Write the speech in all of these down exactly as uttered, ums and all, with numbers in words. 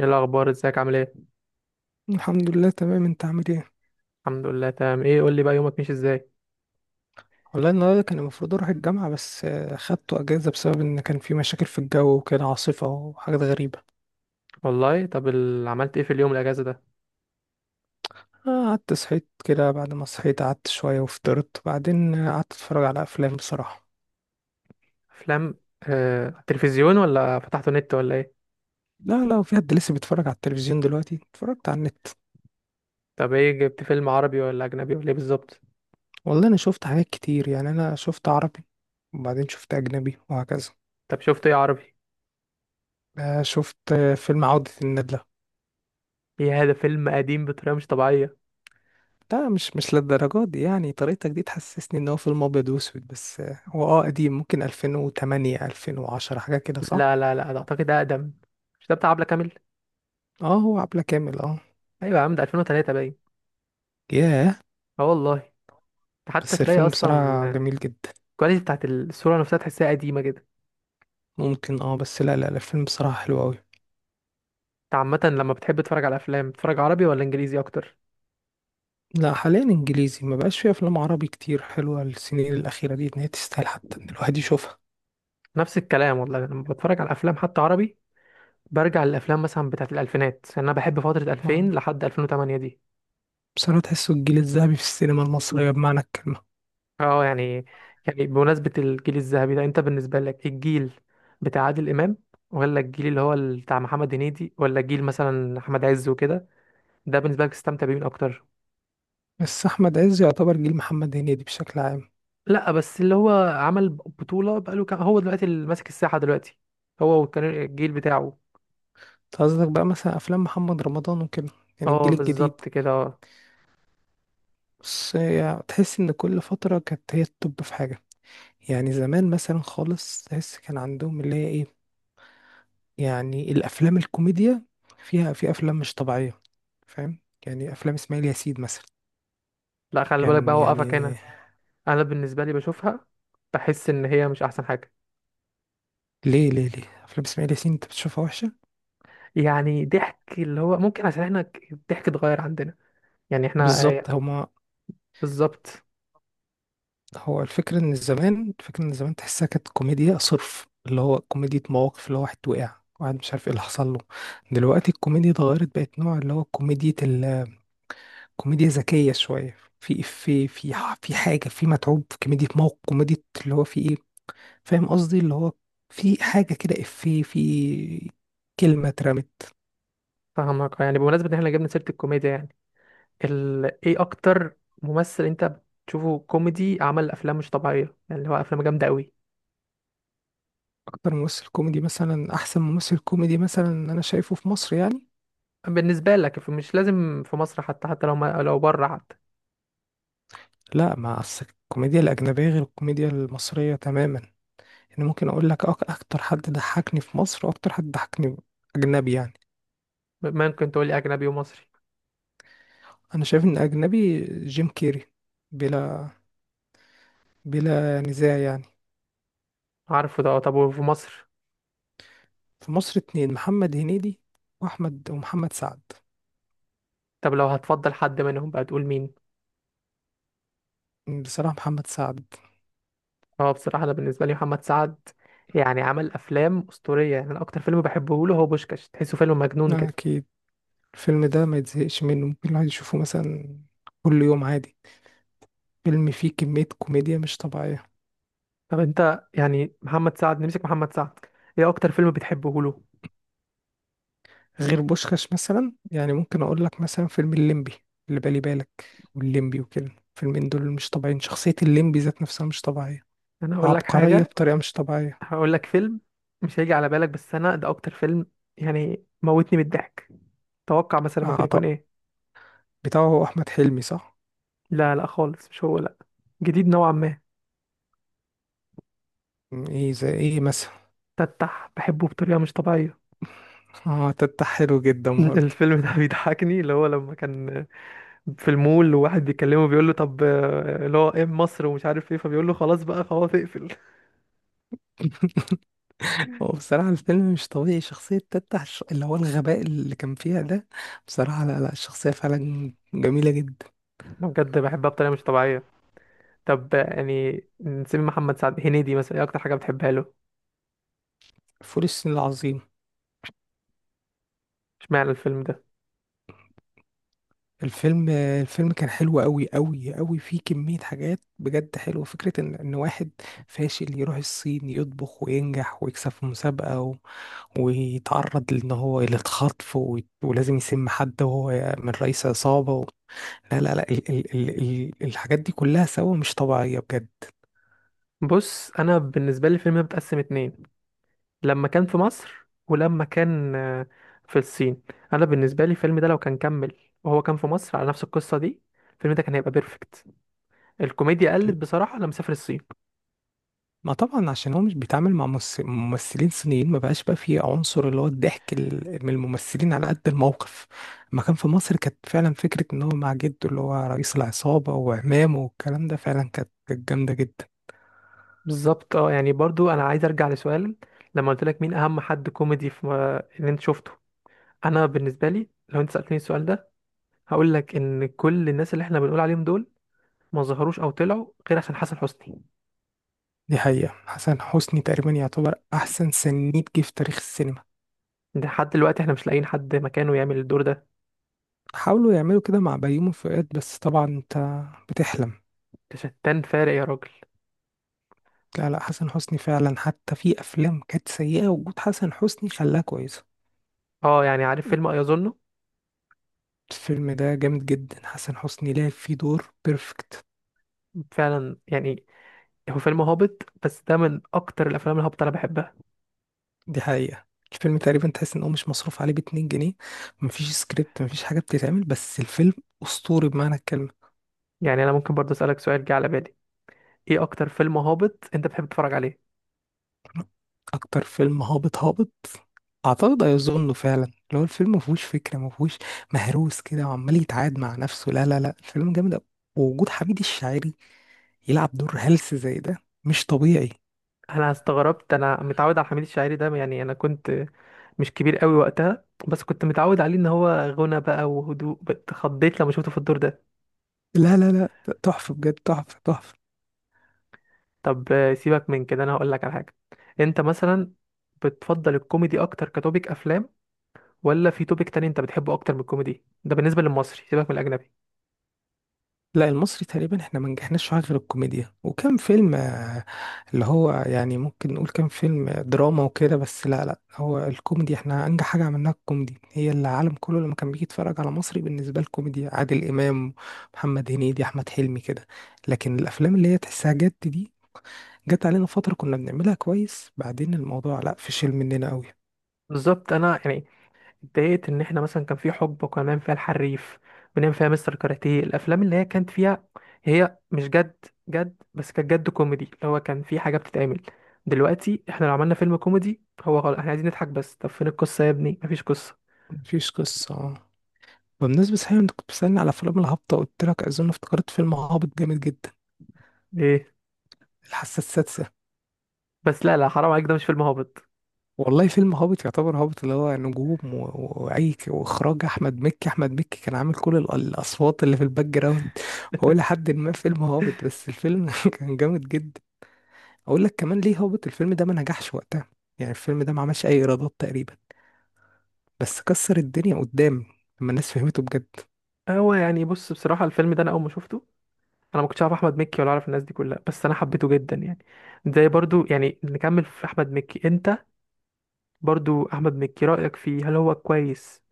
ايه الاخبار، ازيك؟ عامل ايه؟ الحمد لله تمام. انت عامل ايه؟ الحمد لله تمام. ايه قول لي بقى يومك ماشي ازاي؟ والله النهارده كان المفروض اروح الجامعه بس آه، خدته اجازه بسبب ان كان في مشاكل في الجو وكده، عاصفه وحاجات غريبه. والله طب ال- عملت ايه في اليوم الاجازه ده؟ آه، قعدت صحيت كده، بعد ما صحيت قعدت شويه وفطرت، بعدين آه، قعدت اتفرج على افلام بصراحه. افلام؟ آه... تلفزيون ولا فتحته نت ولا ايه؟ لا لا، وفي حد لسه بيتفرج على التلفزيون دلوقتي؟ اتفرجت على النت. طب ايه، جبت فيلم عربي ولا اجنبي ولا ايه بالظبط؟ والله انا شفت حاجات كتير، يعني انا شفت عربي وبعدين شفت اجنبي وهكذا. طب شفت ايه عربي؟ آه، شفت آه، فيلم عودة الندلة. ايه هذا؟ فيلم قديم بطريقه مش طبيعيه. لا، مش مش للدرجة دي. يعني طريقتك دي تحسسني ان هو فيلم ابيض واسود، بس آه، هو اه قديم، ممكن ألفين وتمانية ألفين وعشرة حاجة كده، صح. لا لا لا ده اعتقد اقدم. مش ده بتاع عبله كامل؟ اه، هو عبلة كامل، اه. ايوه يا عم، ده ألفين وتلاتة باين. ياه. اه والله. ده حتى بس تلاقي الفيلم بصراحة اصلا جميل جدا. الكواليتي بتاعت الصوره نفسها تحسها قديمه كده. ممكن اه، بس لا لا لا، الفيلم بصراحة حلو اوي. انت عامه لما بتحب تتفرج على افلام بتتفرج عربي ولا انجليزي اكتر؟ لا، حاليا انجليزي، ما بقاش فيه افلام عربي كتير حلوة السنين الاخيرة دي ان هي تستاهل حتى ان الواحد يشوفها. نفس الكلام والله، لما بتفرج على افلام حتى عربي برجع للافلام مثلا بتاعت الالفينات، لان انا بحب فتره ما- ألفين لحد ألفين وثمانية دي. بصراحة تحسه الجيل الذهبي في السينما المصرية بمعنى الكلمة. اه يعني. يعني بمناسبه الجيل الذهبي ده، انت بالنسبه لك الجيل بتاع عادل امام، ولا الجيل اللي هو ال- بتاع محمد هنيدي، ولا الجيل مثلا احمد عز وكده؟ ده بالنسبه لك استمتع بيه من اكتر؟ بس احمد عز يعتبر جيل محمد هنيدي بشكل عام. لا بس اللي هو عمل بطوله بقاله كام، هو دلوقتي اللي ماسك الساحه دلوقتي هو وكان الجيل بتاعه. قصدك بقى مثلا افلام محمد رمضان وكده، يعني اه الجيل الجديد. بالظبط كده اه. بس يعني تحس ان كل فتره كانت هي التوب في حاجه، يعني زمان مثلا خالص تحس كان عندهم اللي هي ايه، يعني الافلام الكوميديا، فيها في افلام مش طبيعيه، فاهم؟ يعني افلام اسماعيل ياسين مثلا. لا خلي بالك بقى، كان هو قفك يعني. هنا. انا بالنسبه لي بشوفها بحس ان هي مش احسن حاجه. ليه ليه ليه افلام اسماعيل ياسين انت بتشوفها وحشه؟ يعني ضحك اللي هو ممكن عشان احنا ك- الضحك اتغير عندنا. يعني احنا بالظبط هما. بالظبط. هو الفكرة إن زمان الفكرة إن زمان تحسها كانت كوميديا صرف، اللي هو كوميديا مواقف، اللي هو واحد وقع، واحد مش عارف ايه اللي حصل له. دلوقتي الكوميديا اتغيرت، بقت نوع اللي هو كوميديا ال- كوميديا ذكية شوية، في إفيه، في ح- في حاجة في متعوب، في كوميديا موقف، كوميديا اللي هو في إيه، فاهم قصدي اللي هو في حاجة كده، إفيه، في كلمة اترمت. فاهمك. يعني بمناسبه ان احنا جبنا سيره الكوميديا يعني، ال... ايه اكتر ممثل انت بتشوفه كوميدي عمل افلام مش طبيعيه، يعني اللي هو افلام جامده قوي أكتر ممثل كوميدي مثلا، أحسن ممثل كوميدي مثلا، أنا شايفه في مصر يعني. بالنسبه لك؟ ف- مش لازم في مصر، حتى حتى لو ما... لو بره حتى. لا، مع الس- الكوميديا الأجنبية غير الكوميديا المصرية تماما. يعني ممكن اقول لك أك- اكتر حد ضحكني في مصر، واكتر حد ضحكني اجنبي يعني. ممكن تقول لي اجنبي ومصري؟ انا شايف ان اجنبي جيم كيري، بلا بلا نزاع يعني. عارفه ده. طب وفي مصر؟ في مصر، اتنين: محمد هنيدي واحمد، ومحمد سعد. طب لو هتفضل حد منهم بقى تقول مين؟ بصراحة محمد سعد. هو بصراحة أنا بالنسبة لي محمد سعد. يعني عمل أفلام أسطورية، يعني أنا أكتر فيلم بحبه له هو بوشكاش، تحسه فيلم مجنون كده. اكيد. الفيلم ده ما يتزهقش منه، ممكن الواحد يشوفه مثلا كل يوم عادي. فيلم فيه كمية كوميديا مش طبيعية. طب أنت يعني، محمد سعد، نمسك محمد سعد، إيه أكتر فيلم بتحبه له؟ غير بوشخاش مثلا، يعني ممكن اقول لك مثلا فيلم الليمبي، اللي بالي بالك، والليمبي وكده، فيلمين دول مش طبيعيين. شخصية الليمبي ذات نفسها مش طبيعية، أنا هقول لك عبقرية حاجة، بطريقة مش طبيعية. هقول لك فيلم مش هيجي على بالك، بس أنا ده أكتر فيلم يعني موتني بالضحك. توقع مثلا ممكن يكون عطاء إيه؟ بتاعه هو أحمد حلمي، صح؟ لا لا خالص مش هو لا. جديد نوعا ما. م، ايه، زي ايه مثلا؟ تتح، بحبه بطريقة مش طبيعية. اه، تتح حلو جدا برضه. الفيلم ده بيضحكني، اللي هو لما كان في المول وواحد بيكلمه بيقول له طب، آه، اللي هو ايه مصر ومش عارف ايه، فبيقول له خلاص بقى، خلاص اقفل. هو بصراحة الفيلم مش طبيعي، شخصية تتح الش- اللي هو الغباء اللي كان فيها ده، بصراحة لا لا، الشخصية فعلا جميلة جدا. أنا بجد بحبها بطريقه مش طبيعيه. طب آه، يعني نسيب محمد سعد، هنيدي مثلا ايه اكتر حاجه بتحبها له؟ فول الصين العظيم. اشمعنى الفيلم ده؟ الفيلم الفيلم كان حلو قوي قوي قوي، فيه كمية حاجات بجد حلوة، فكرة ان ان واحد فاشل يروح الصين، يطبخ وينجح ويكسب في مسابقة، و... ويتعرض لان هو للخطف، و... ولازم يسم حد، وهو من رئيس عصابة. و... لا لا لا، ال... ال... ال... ال- الحاجات دي كلها سوا مش طبيعية بجد. بص انا بالنسبه لي الفيلم ده متقسم اتنين، لما كان في مصر ولما كان آه، في الصين. انا بالنسبه لي الفيلم ده لو كان كمل وهو كان في مصر على نفس القصه دي، الفيلم ده كان هيبقى بيرفكت. الكوميديا قلت بصراحه لما سافر الصين. ما طبعا عشان هو مش بيتعامل مع ممس- ممثلين صينيين، ما بقاش بقى فيه عنصر اللي هو الضحك ال- من الممثلين على قد الموقف. ما كان في مصر كانت فعلا فكرة ان هو مع جده اللي هو رئيس العصابة وعمامه والكلام ده فعلا كانت كانت جامدة جدا. بالظبط اه. يعني برضو انا عايز ارجع لسؤال، لما قلت لك مين اهم حد كوميدي في اللي انت شفته. انا بالنسبه لي لو انت سالتني السؤال ده، هقول لك ان كل الناس اللي احنا بنقول عليهم دول ما ظهروش او طلعوا غير عشان حسن حسني. دي حقيقة. حسن حسني تقريبا يعتبر احسن سنيد جه في تاريخ السينما. ده لحد دلوقتي احنا مش لاقيين حد مكانه يعمل الدور ده. حاولوا يعملوا كده مع بيومي فؤاد، بس طبعا انت بتحلم. ده شتان فارق يا راجل. لا لا، حسن حسني فعلا، حتى في افلام كانت سيئة وجود حسن حسني خلاها كويسة. اه يعني، عارف فيلم ايظنه؟ الفيلم ده جامد جدا، حسن حسني لعب فيه دور بيرفكت. فعلا يعني، هو فيلم هابط، بس ده من اكتر الافلام الهابطه اللي انا بحبها. دي حقيقة. الفيلم تقريبا تحس ان هو مش مصروف عليه باتنين جنيه، مفيش سكريبت، مفيش حاجة بتتعمل، بس الفيلم اسطوري بمعنى الكلمة. يعني انا ممكن برضو اسالك سؤال جه على بالي، ايه اكتر فيلم هابط انت بتحب تتفرج عليه؟ اكتر فيلم هابط هابط، اعتقد هيظنه فعلا. اللي هو الفيلم مفهوش فكرة، مفهوش، مهروس كده وعمال يتعاد مع نفسه، لا لا لا الفيلم جامد أوي. ووجود حميد الشاعري يلعب دور هلس زي ده، مش طبيعي. انا استغربت، انا متعود على حميد الشاعري ده. يعني انا كنت مش كبير قوي وقتها، بس كنت متعود عليه ان هو غنى بقى وهدوء، اتخضيت لما شفته في الدور ده. لا لا لا، تحفة بجد، تحفة تحفة. طب آه، سيبك من كده، انا هقول لك على حاجه. انت مثلا بتفضل الكوميدي اكتر كتوبيك افلام، ولا في توبيك تاني انت بتحبه اكتر من الكوميدي ده بالنسبه للمصري، سيبك من الاجنبي؟ لا، المصري تقريبا احنا ما نجحناش في حاجة غير الكوميديا، وكم فيلم آه، اللي هو يعني ممكن نقول كم فيلم آه، دراما وكده، بس لا لا، هو الكوميدي احنا انجح حاجة عملناها، الكوميدي هي اللي العالم كله لما كان بيجي يتفرج على مصري. بالنسبة للكوميديا عادل إمام، محمد هنيدي، أحمد حلمي كده. لكن الأفلام اللي هي تحسها جد دي، جت علينا فترة كنا بنعملها كويس، بعدين الموضوع لا، فشل مننا قوي. بالظبط. انا يعني اتضايقت ان احنا مثلا كان في حقبه كنا بنعمل فيها الحريف، بنعمل فيها مستر كاراتيه، الافلام اللي هي كانت فيها، هي مش جد جد، بس كانت جد كوميدي، اللي هو كان في حاجه بتتعمل. دلوقتي احنا لو عملنا فيلم كوميدي، هو خلاص احنا عايزين نضحك بس، طب فين القصه يا ابني؟ مفيش قصه. مفيش قصة آه. بمناسبة صحيح، انت كنت بتسألني على أفلام الهابطة، قلت لك أظن افتكرت فيلم هابط جامد جدا: ايه؟ الحاسة السادسة. بس لا لا حرام عليك، ده مش فيلم هابط. والله فيلم هابط يعتبر هابط، اللي هو نجوم و- وأي ك- وإخراج أحمد مكي أحمد مكي كان عامل كل ال- الأصوات اللي في الباك جراوند، فهو لحد ما فيلم هابط، بس الفيلم كان جامد جدا. أقول لك كمان ليه هابط: الفيلم ده ما نجحش وقتها، يعني الفيلم ده ما عملش أي إيرادات تقريبا، بس كسر الدنيا قدام لما الناس فهمته بجد. هو يعني بص، بصراحة الفيلم ده أنا أول ما شفته، أنا ما كنتش أعرف أحمد مكي ولا أعرف الناس دي كلها، بس أنا حبيته جدا يعني. زي برضو يعني نكمل في أحمد مكي، أنت برضو أحمد مكي رأيك فيه؟ هل هو كويس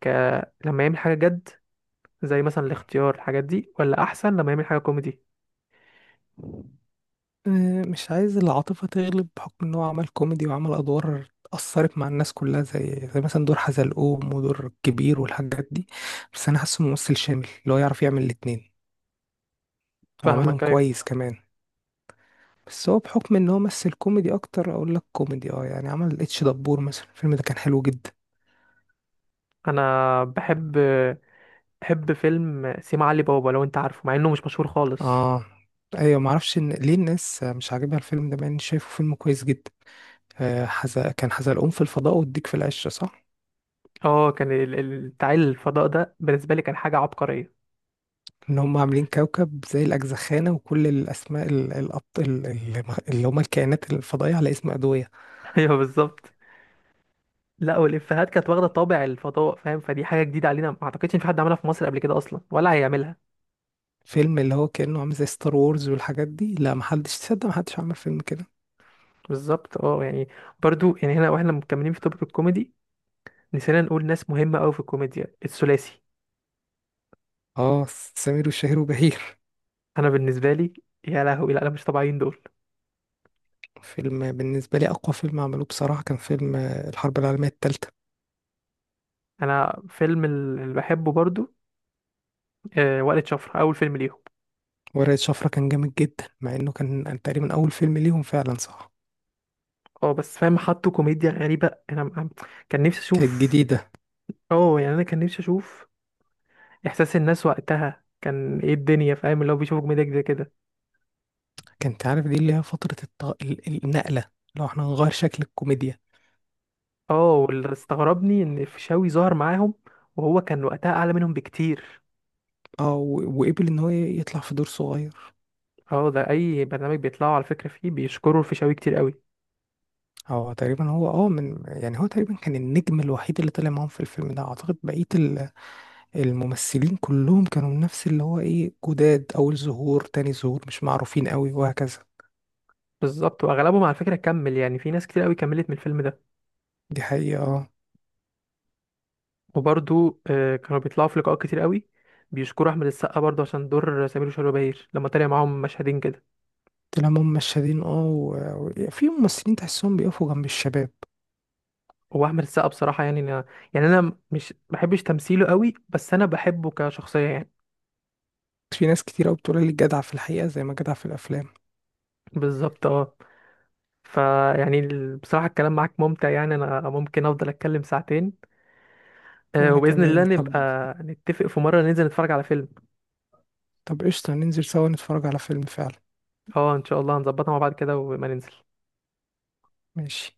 ك... لما يعمل حاجة جد زي مثلا الاختيار، الحاجات دي، ولا أحسن لما يعمل حاجة كوميدي؟ آه، مش عايز العاطفة تغلب بحكم إن هو عمل كوميدي وعمل أدوار أثرت مع الناس كلها، زي زي مثلا دور حزلقوم ودور الكبير والحاجات دي. بس أنا حاسه ممثل شامل اللي هو يعرف يعمل الاتنين، وعملهم فاهمك. أيوة. كويس كمان. بس هو بحكم إن هو مثل كوميدي أكتر، أقول لك كوميدي. أه يعني عمل اتش دبور مثلا، الفيلم ده كان حلو جدا. أنا بحب، بحب فيلم سيما علي بابا، لو أنت عارفه، مع إنه مش مشهور خالص. أه، أيوة، معرفش إن ليه الناس مش عاجبها الفيلم ده مع إني شايفه فيلم كويس جدا. آه، حز... كان حزلقوم في الفضاء والديك في العشرة، صح؟ اه كان ال- ال- بتاع الفضاء ده بالنسبة لي كان حاجة عبقرية. ان هم عاملين كوكب زي الاجزخانه، وكل الاسماء ال- الأبط... ال- ال- اللي هم الكائنات الفضائيه على اسم ادويه. أيوة بالظبط. لا والإفيهات كانت واخدة طابع الفضاء، فاهم؟ فدي حاجة جديدة علينا، ما أعتقدش إن في حد عملها في مصر قبل كده أصلا ولا هيعملها. فيلم اللي هو كانه عامل زي ستار وورز والحاجات دي، لا محدش تصدق، محدش عمل فيلم كده. بالظبط اه. يعني برضو يعني، هنا واحنا مكملين في توبيك الكوميدي، نسينا نقول ناس مهمة أوي في الكوميديا، الثلاثي. اه، سمير وشهير وبهير. انا بالنسبه لي، يا لهوي لا، انا مش طبيعيين دول. فيلم بالنسبه لي، اقوى فيلم عملوه بصراحه كان فيلم آه، الحرب العالميه الثالثه. انا فيلم ال- اللي بحبه برضو آه، وقلة شفرة، اول فيلم ليهم. ورقه شفره كان جامد جدا، مع انه كان تقريبا اول فيلم ليهم فعلا، صح. اه بس فاهم، حطوا كوميديا غريبه، انا م- كان نفسي كانت اشوف. جديده. اه يعني، انا كان نفسي اشوف احساس الناس وقتها كان ايه، الدنيا فاهم اللي هو بيشوفوا كوميديا كده كده. كانت عارف دي اللي هي فتره الط... ال- النقله، لو احنا هنغير شكل الكوميديا. اه، واللي استغربني ان الفيشاوي ظهر معاهم وهو كان وقتها اعلى منهم بكتير. اه و- وقبل ان هو يطلع في دور صغير. اه ده اي برنامج بيطلعوا على فكره فيه بيشكروا الفيشاوي كتير قوي. هو تقريبا هو اه من يعني هو تقريبا كان النجم الوحيد اللي طلع معاهم في الفيلم ده. اعتقد بقية ال- الممثلين كلهم كانوا من نفس اللي هو ايه، جداد، اول ظهور تاني ظهور، مش معروفين قوي وهكذا. بالظبط. واغلبهم على فكره كمل، يعني في ناس كتير قوي كملت من الفيلم ده. دي حقيقة، اه. وبرضو آه، كانوا بيطلعوا في لقاءات كتير قوي، بيشكروا احمد السقا برضو عشان دور سمير وشهير وبهير، لما طلع معاهم مشهدين كده. طلع هم مشادين، اه، و- وفي ممثلين تحسهم بيقفوا جنب الشباب. هو احمد السقا بصراحه، يعني انا يعني انا مش بحبش تمثيله قوي، بس انا بحبه كشخصيه يعني. في ناس كتير قوي بتقول لي جدع في الحقيقة زي ما جدع في الافلام. بالظبط اه. فيعني ال- بصراحه الكلام معاك ممتع، يعني انا ممكن افضل اتكلم ساعتين. آه، وانا وباذن الله كمان، طب. نبقى نتفق في مره ننزل نتفرج على فيلم. طب قشطة، ننزل سوا نتفرج على فيلم فعلا. اه ان شاء الله هنظبطها مع بعض كده، وما ننزل. ماشي.